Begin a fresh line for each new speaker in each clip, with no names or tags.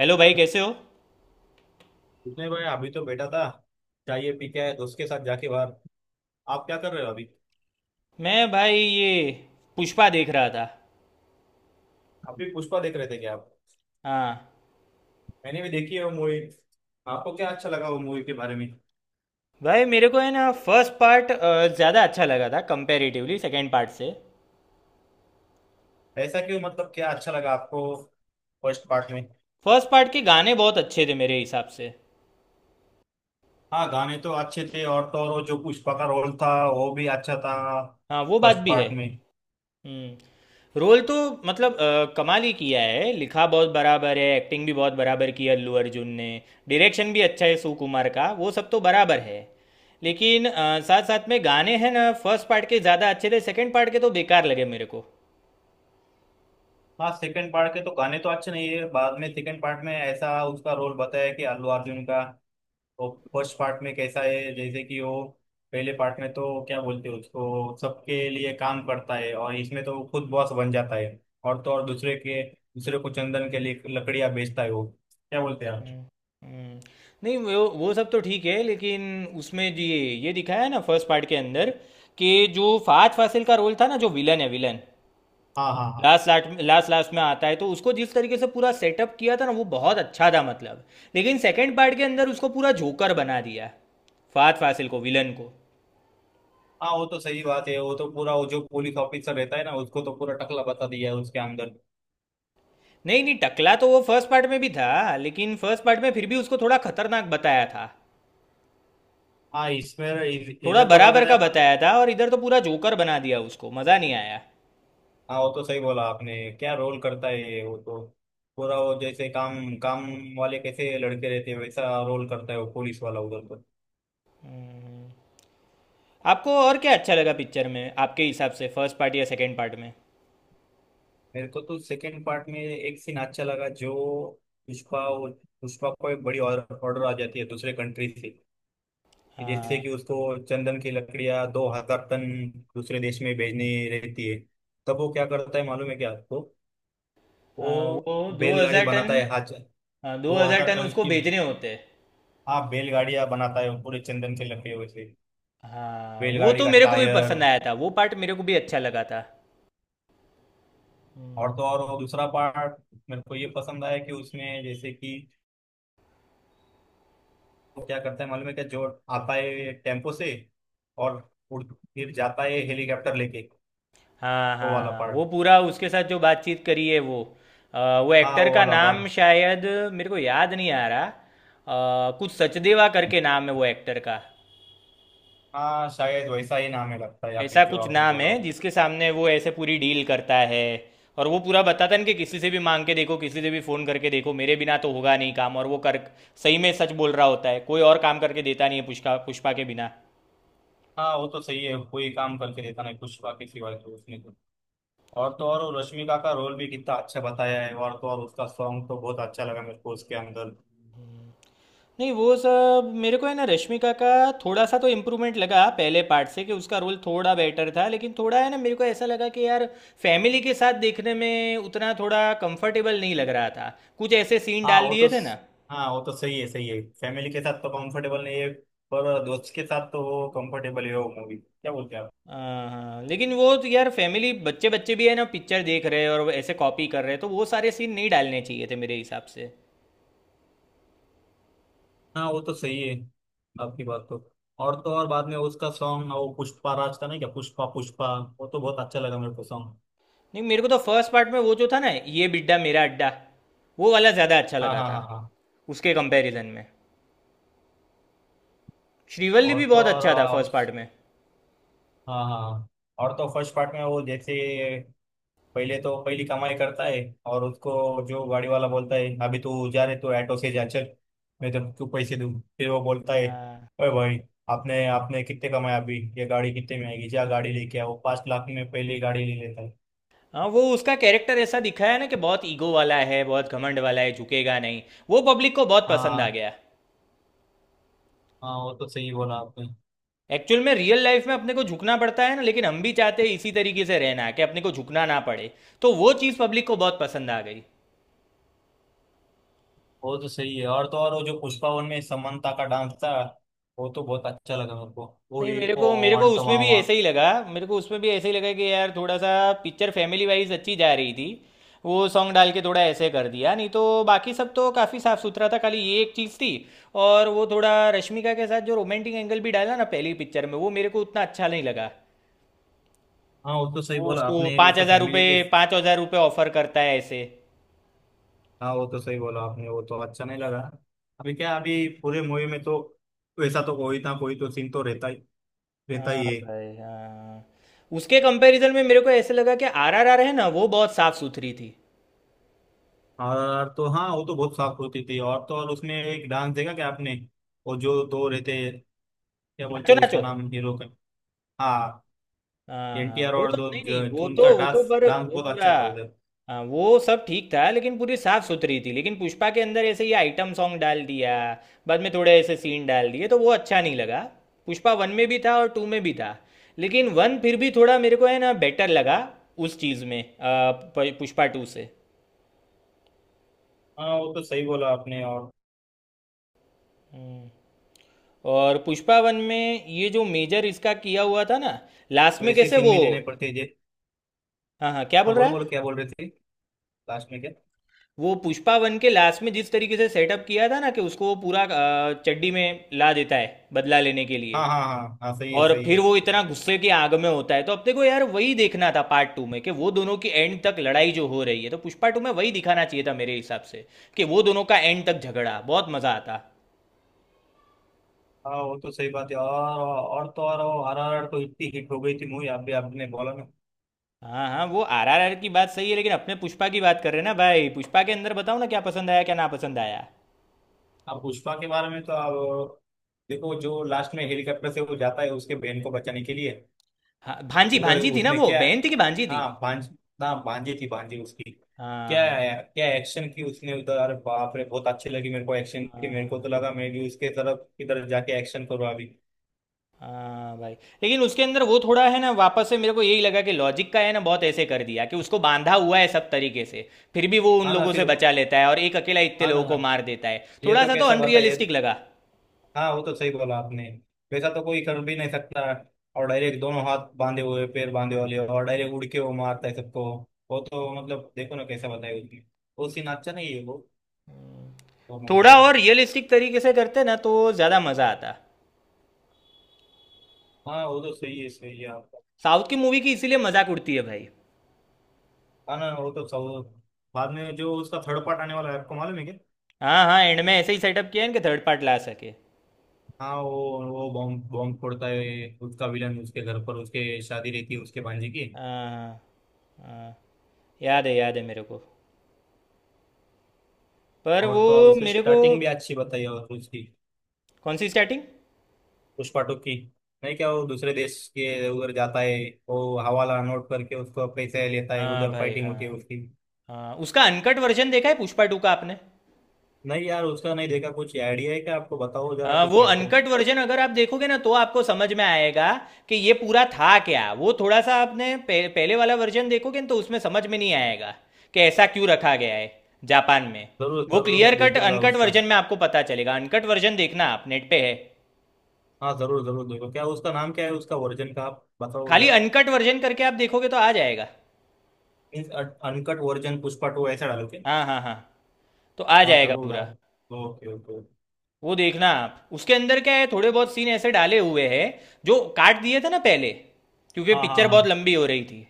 Hello भाई, कैसे हो?
कुछ नहीं भाई, अभी तो बैठा था। चाय पी के आया दोस्त के साथ जाके बाहर। आप क्या कर रहे हो अभी?
मैं भाई, ये पुष्पा देख रहा था।
आप भी पुष्पा देख रहे थे क्या आप?
हाँ,
मैंने भी देखी है वो मूवी। आपको क्या अच्छा लगा वो मूवी के बारे में?
भाई मेरे को है ना, फर्स्ट पार्ट ज़्यादा अच्छा लगा था कंपैरेटिवली सेकंड पार्ट से।
ऐसा क्यों? मतलब क्या अच्छा लगा आपको फर्स्ट पार्ट में?
फर्स्ट पार्ट के गाने बहुत अच्छे थे मेरे हिसाब से।
हाँ, गाने तो अच्छे थे, और तो और वो जो पुष्पा का रोल था वो भी अच्छा था
हाँ, वो बात
फर्स्ट
भी है।
पार्ट में।
हम्म। रोल तो मतलब कमाल ही किया है, लिखा बहुत बराबर है, एक्टिंग भी बहुत बराबर की है अल्लू अर्जुन ने। डायरेक्शन भी अच्छा है सुकुमार का, वो सब तो बराबर है। लेकिन साथ साथ में गाने हैं ना, फर्स्ट पार्ट के ज़्यादा अच्छे थे, सेकंड पार्ट के तो बेकार लगे मेरे को।
हाँ, सेकंड पार्ट के तो गाने तो अच्छे नहीं है। बाद में सेकंड पार्ट में ऐसा उसका रोल बताया कि अल्लू अर्जुन का, वो फर्स्ट पार्ट में कैसा है, जैसे कि वो पहले पार्ट में तो क्या बोलते हैं, उसको सबके लिए काम करता है, और इसमें तो वो खुद बॉस बन जाता है। और तो और दूसरे के दूसरे को चंदन के लिए लकड़ियां बेचता है वो। क्या बोलते हैं आप?
हुँ। नहीं, वो सब तो ठीक है, लेकिन उसमें ये दिखाया है ना फर्स्ट पार्ट के अंदर कि जो फहद फासिल का रोल था ना, जो विलन है, विलन
हाँ, हाँ, हाँ,
लास्ट लास्ट लास्ट लास्ट में आता है, तो उसको जिस तरीके से पूरा सेटअप किया था ना, वो बहुत अच्छा था मतलब। लेकिन सेकंड पार्ट के अंदर उसको पूरा जोकर बना दिया, फहद फासिल को, विलन को।
हाँ, वो तो सही बात है। वो तो पूरा वो जो पुलिस ऑफिसर रहता है ना, उसको तो पूरा टकला बता दिया है उसके अंदर।
नहीं नहीं, टकला तो वो फर्स्ट पार्ट में भी था, लेकिन फर्स्ट पार्ट में फिर भी उसको थोड़ा खतरनाक बताया था।
हाँ, इसमें
थोड़ा
इधर तो
बराबर
बताया,
का
पर
बताया था और इधर तो पूरा जोकर बना दिया उसको, मज़ा नहीं आया।
हाँ, वो तो सही बोला आपने। क्या रोल करता है ये, वो तो पूरा वो जैसे काम काम वाले कैसे लड़के रहते हैं वैसा रोल करता है वो पुलिस वाला उधर तो।
आपको और क्या अच्छा लगा पिक्चर में आपके हिसाब से, फर्स्ट पार्ट या सेकंड पार्ट में?
मेरे को तो सेकंड पार्ट में एक सीन अच्छा लगा, जो पुष्पा पुष्पा को एक बड़ी ऑर्डर आ जाती है दूसरे कंट्री से, कि जैसे
हाँ।
कि उसको चंदन की लकड़ियां 2000 टन दूसरे देश में भेजनी रहती है। तब वो क्या करता है मालूम है क्या आपको?
हाँ,
वो
वो दो
बैलगाड़ी
हजार
बनाता
टन
है हाथ,
हाँ, दो
दो
हजार
हजार
टन
टन
उसको
की।
भेजने होते हैं।
हाँ, बैलगाड़ियां बनाता है वो पूरे चंदन के लकड़ियों से,
हाँ, वो
बैलगाड़ी
तो
का
मेरे को भी
टायर।
पसंद आया था, वो पार्ट मेरे को भी अच्छा लगा था। हम्म।
और तो और वो दूसरा पार्ट, मेरे को ये पसंद आया कि उसमें जैसे कि वो क्या करता है मालूम है क्या, जो आता है टेम्पो से और उड़ फिर जाता है हेलीकॉप्टर लेके,
हाँ
वो वाला
हाँ,
पार्ट।
वो पूरा उसके साथ जो बातचीत करी है वो, वो
हाँ,
एक्टर
वो
का
वाला
नाम
पार्ट।
शायद मेरे को याद नहीं आ रहा, कुछ सचदेवा करके नाम है वो एक्टर का।
हाँ, शायद वैसा ही नाम है लगता है, या फिर
ऐसा
जो
कुछ
आपने
नाम
बोला
है,
हो।
जिसके सामने वो ऐसे पूरी डील करता है। और वो पूरा बताता है ना कि किसी से भी मांग के देखो, किसी से भी फ़ोन करके देखो, मेरे बिना तो होगा नहीं काम। और वो कर सही में सच बोल रहा होता है, कोई और काम करके देता नहीं है पुष्पा, पुष्पा के बिना।
हाँ, वो तो सही है, कोई काम करके देता नहीं पुष्पा के सिवाय, तो उसने तो और वो रश्मिका का रोल भी कितना अच्छा बताया है, और तो और उसका सॉन्ग तो बहुत अच्छा लगा मेरे को उसके अंदर।
नहीं, वो सब मेरे को है ना, रश्मिका का थोड़ा सा तो इम्प्रूवमेंट लगा पहले पार्ट से, कि उसका रोल थोड़ा बेटर था। लेकिन थोड़ा है ना, मेरे को ऐसा लगा कि यार फैमिली के साथ देखने में उतना थोड़ा कंफर्टेबल नहीं लग रहा था। कुछ ऐसे सीन
हाँ,
डाल
वो
दिए
तो
थे ना।
हाँ, वो तो सही है सही है, फैमिली के साथ तो कंफर्टेबल नहीं है, पर दोस्त के साथ तो वो कंफर्टेबल है वो मूवी। क्या बोलते हैं आप?
हाँ हाँ, लेकिन वो तो यार फैमिली, बच्चे बच्चे भी है ना पिक्चर देख रहे हैं, और वो ऐसे कॉपी कर रहे हैं, तो वो सारे सीन नहीं डालने चाहिए थे मेरे हिसाब से।
हाँ, वो तो सही है आपकी बात तो। और तो और बाद में उसका सॉन्ग, वो पुष्पा राज का नहीं क्या, पुष्पा पुष्पा, वो तो बहुत अच्छा लगा मेरे को सॉन्ग।
नहीं, मेरे को तो फर्स्ट पार्ट में वो जो था ना, ये बिड्डा मेरा अड्डा, वो वाला ज़्यादा अच्छा
हाँ,
लगा
हाँ, हाँ,
था
हाँ।
उसके कंपैरिजन में। श्रीवल्ली
और
भी
तो
बहुत
और
अच्छा था फर्स्ट पार्ट में।
हाँ, हाँ, हाँ। और तो फर्स्ट पार्ट में वो जैसे पहले तो पहली कमाई करता है, और उसको जो गाड़ी वाला बोलता है, अभी तू जा रहे तो ऑटो से जा, चल मैं तेरे को पैसे दूँ। फिर वो बोलता है
हाँ
ओए भाई, आपने आपने कितने कमाए अभी? ये गाड़ी कितने में आएगी? जा गाड़ी लेके आओ। 5 लाख में पहली गाड़ी ले लेता है।
हाँ, वो उसका कैरेक्टर ऐसा दिखाया ना कि बहुत ईगो वाला है, बहुत घमंड वाला है, झुकेगा नहीं, वो पब्लिक को बहुत पसंद आ
हाँ,
गया।
हाँ, वो तो सही बोला आपने।
एक्चुअल में रियल लाइफ में अपने को झुकना पड़ता है ना, लेकिन हम भी चाहते हैं इसी तरीके से रहना कि अपने को झुकना ना पड़े, तो वो चीज़ पब्लिक को बहुत पसंद आ गई।
वो तो सही है, और तो और वो जो पुष्पा वन में समंता का डांस था, वो तो बहुत अच्छा लगा मेरे को, वो
नहीं,
ये
मेरे
ओ
को मेरे को उसमें भी
वांटवावा।
ऐसे ही लगा। मेरे को उसमें भी ऐसे ही लगा कि यार थोड़ा सा पिक्चर फैमिली वाइज अच्छी जा रही थी, वो सॉन्ग डाल के थोड़ा ऐसे कर दिया, नहीं तो बाकी सब तो काफ़ी साफ सुथरा था, खाली ये एक चीज़ थी। और वो थोड़ा रश्मिका के साथ जो रोमांटिक एंगल भी डाला ना पहली पिक्चर में, वो मेरे को उतना अच्छा नहीं लगा।
हाँ, वो तो सही
वो
बोला
उसको
आपने वो
पाँच
तो
हज़ार
फैमिली के।
रुपये 5,000 रुपये ऑफर करता है ऐसे।
हाँ, वो तो सही बोला आपने, वो तो अच्छा नहीं लगा। अभी क्या, अभी पूरे मूवी में तो वैसा तो कोई ना कोई तो सीन तो रहता
हाँ
ही है।
भाई हाँ। उसके कंपैरिजन में मेरे को ऐसे लगा कि आरआरआर है ना, वो बहुत साफ सुथरी थी।
और तो हाँ, वो तो बहुत साफ होती थी, और तो और उसमें एक डांस देखा क्या आपने, वो जो दो रहते हैं, क्या बोलते
नाचो
हैं
नाचो।
उसका नाम हीरो का? हाँ।
हाँ हाँ,
एनटीआर
वो
और
तो नहीं नहीं, वो तो
उनका
वो तो
डांस
पर
डांस
वो
बहुत
पूरा।
अच्छा था उधर।
हाँ, वो सब ठीक था लेकिन पूरी साफ सुथरी थी। लेकिन पुष्पा के अंदर ऐसे ये आइटम सॉन्ग डाल दिया, बाद में थोड़े ऐसे सीन डाल दिए तो वो अच्छा नहीं लगा। पुष्पा वन में भी था और टू में भी था, लेकिन वन फिर भी थोड़ा मेरे को है ना बेटर लगा उस चीज़ में पुष्पा टू से।
हाँ, वो तो सही बोला आपने, और
हम्म। और पुष्पा वन में ये जो मेजर इसका किया हुआ था ना लास्ट में,
वैसे
कैसे
सीन
वो।
भी लेने पड़ते हैं जे।
हाँ हाँ, क्या बोल
हाँ,
रहा
बोलो बोलो
है?
क्या बोल रहे थे, लास्ट में क्या?
वो पुष्पा वन के लास्ट में जिस तरीके से सेटअप किया था ना, कि उसको वो पूरा चड्डी में ला देता है बदला लेने के लिए,
हाँ, हाँ, हाँ, हाँ, सही है,
और
सही है,
फिर वो
सही है।
इतना गुस्से की आग में होता है, तो अपने को यार वही देखना था पार्ट टू में, कि वो दोनों की एंड तक लड़ाई जो हो रही है। तो पुष्पा टू में वही दिखाना चाहिए था मेरे हिसाब से, कि वो दोनों का एंड तक झगड़ा, बहुत मजा आता।
हाँ, वो तो सही बात है, और तो और वो आर आर आर तो इतनी हिट हो गई थी मूवी, आप भी आपने बोला ना।
हाँ हाँ, वो आरआरआर की बात सही है, लेकिन अपने पुष्पा की बात कर रहे हैं ना भाई। पुष्पा के अंदर बताओ ना क्या पसंद आया, क्या ना पसंद आया?
अब पुष्पा के बारे में तो आप देखो, जो लास्ट में हेलीकॉप्टर से वो जाता है उसके बहन को बचाने के लिए,
हाँ, भांजी,
उधर
भांजी थी ना,
उसने
वो
क्या
बहन थी कि भांजी थी?
हाँ भांज ना, भांजी थी, भांजी उसकी।
हाँ
क्या,
हाँ
क्या एक्शन की उसने उधर, अरे बाप रे, बहुत अच्छी लगी मेरे को एक्शन की।
हाँ
मेरे को
हाँ।
तो लगा मैं भी उसके तरफ इधर जाके एक्शन करूँ अभी।
हाँ भाई। लेकिन उसके अंदर वो थोड़ा है ना, वापस से मेरे को यही लगा कि लॉजिक का है ना, बहुत ऐसे कर दिया कि उसको बांधा हुआ है सब तरीके से, फिर भी वो उन
हाँ ना
लोगों से
फिर,
बचा लेता है और एक अकेला इतने
हाँ
लोगों को
ना,
मार देता है,
ये
थोड़ा
तो
सा तो
कैसा बता ये।
अनरियलिस्टिक लगा।
हाँ, वो तो सही बोला आपने, वैसा तो कोई कर भी नहीं सकता। और डायरेक्ट दोनों हाथ बांधे हुए पैर बांधे वाले, और डायरेक्ट उड़ के वो मारता है सबको। वो तो मतलब देखो ना कैसा बताया उसने, वो सीन अच्छा नहीं है वो मूवी का।
थोड़ा और रियलिस्टिक तरीके से करते ना, तो ज़्यादा मज़ा आता।
हाँ, वो तो सही है आपका।
साउथ की मूवी की इसीलिए मजाक उड़ती है भाई।
हाँ ना, वो तो सब, बाद में जो उसका थर्ड पार्ट आने वाला है आपको मालूम है क्या?
हाँ हाँ, एंड में ऐसे ही सेटअप किया है कि थर्ड पार्ट ला सके।
हाँ वो बॉम्ब बॉम्ब फोड़ता है उसका विलन उसके घर पर, उसके शादी रहती है उसके भांजे की।
हाँ हाँ हाँ, याद है, याद है मेरे को। पर
और
वो
तो और उसकी
मेरे को।
स्टार्टिंग भी अच्छी बताई है, और उसकी
कौन सी स्टार्टिंग?
पुष्पा टू की। नहीं क्या, वो दूसरे देश के उधर जाता है, वो हवाला नोट करके उसको पैसे लेता है,
हाँ
उधर
भाई
फाइटिंग
हाँ।
होती है उसकी।
हाँ, उसका अनकट वर्जन देखा है पुष्पा टू का आपने?
नहीं यार, उसका नहीं देखा। कुछ आइडिया है क्या आपको, बताओ जरा
हाँ,
कुछ
वो
मेरे को।
अनकट वर्जन अगर आप देखोगे ना, तो आपको समझ में आएगा कि ये पूरा था क्या। वो थोड़ा सा आपने पहले वाला वर्जन देखोगे ना, तो उसमें समझ में नहीं आएगा कि ऐसा क्यों रखा गया है जापान में।
जरूर
वो
जरूर
क्लियर
मैं
कट
देखूंगा
अनकट
उसका।
वर्जन में आपको पता चलेगा। अनकट वर्जन देखना आप, नेट पे है।
हाँ, जरूर जरूर देखो, क्या उसका नाम क्या है उसका वर्जन का, आप बताओ
खाली
जरा।
अनकट वर्जन करके आप देखोगे तो आ जाएगा।
Means uncut version Pushpa two ऐसा डालो क्या?
हाँ हाँ हाँ, तो आ
हाँ,
जाएगा
जरूर
पूरा।
डाल, ओके, ओके।
वो देखना आप, उसके अंदर क्या है, थोड़े बहुत सीन ऐसे डाले हुए हैं जो काट दिए थे ना पहले, क्योंकि
हाँ, हाँ,
पिक्चर बहुत
हाँ,
लंबी हो रही थी।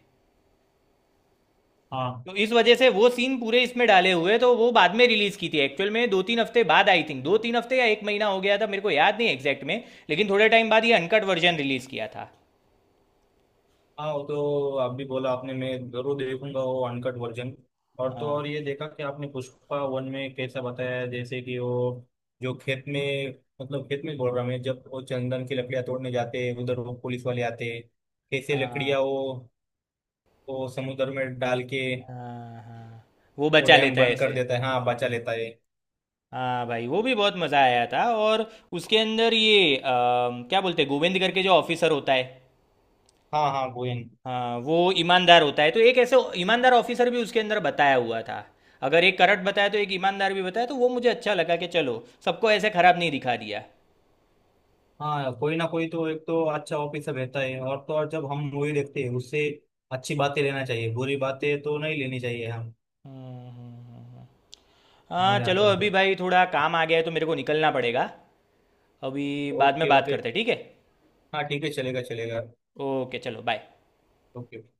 हाँ।
तो इस वजह से वो सीन पूरे इसमें डाले हुए हैं, तो वो बाद में रिलीज की थी एक्चुअल में, 2-3 हफ्ते बाद, आई थिंक 2-3 हफ्ते या एक महीना हो गया था, मेरे को याद नहीं एग्जैक्ट में। लेकिन थोड़े टाइम बाद ये अनकट वर्जन रिलीज किया था।
हाँ, वो तो अभी बोला आपने, मैं जरूर देखूंगा वो अनकट वर्जन। और तो
हाँ
और ये देखा कि आपने पुष्पा वन में कैसा बताया है, जैसे कि वो जो खेत में, मतलब खेत में बोल रहा मैं, जब वो चंदन की लकड़ियां तोड़ने जाते हैं उधर वो पुलिस वाले आते हैं, कैसे
हाँ
लकड़ियां वो समुद्र में डाल के,
हाँ हाँ, वो
वो
बचा
डैम
लेता है
बंद कर
ऐसे।
देता है हाँ, बचा लेता है।
हाँ भाई, वो भी बहुत मज़ा आया था। और उसके अंदर ये क्या बोलते हैं, गोविंद करके जो ऑफिसर होता है।
हाँ, हाँ गोयन।
हाँ, वो ईमानदार होता है, तो एक ऐसे ईमानदार ऑफिसर भी उसके अंदर बताया हुआ था। अगर एक करट बताया तो एक ईमानदार भी बताया, तो वो मुझे अच्छा लगा कि चलो सबको ऐसे खराब नहीं दिखा दिया।
हाँ, कोई ना कोई तो एक तो अच्छा ऑफिसर रहता है। और तो और जब हम मूवी देखते हैं उससे अच्छी बातें लेना चाहिए, बुरी बातें तो नहीं लेनी चाहिए हम।
हम्म, हम्म। हाँ,
हमारे
चलो
अंदर
अभी
तो
भाई थोड़ा काम आ गया है, तो मेरे को निकलना पड़ेगा अभी, बाद में
ओके,
बात
ओके।
करते हैं, ठीक है?
हाँ, ठीक है, चलेगा चलेगा।
ओके, चलो बाय।
ओके।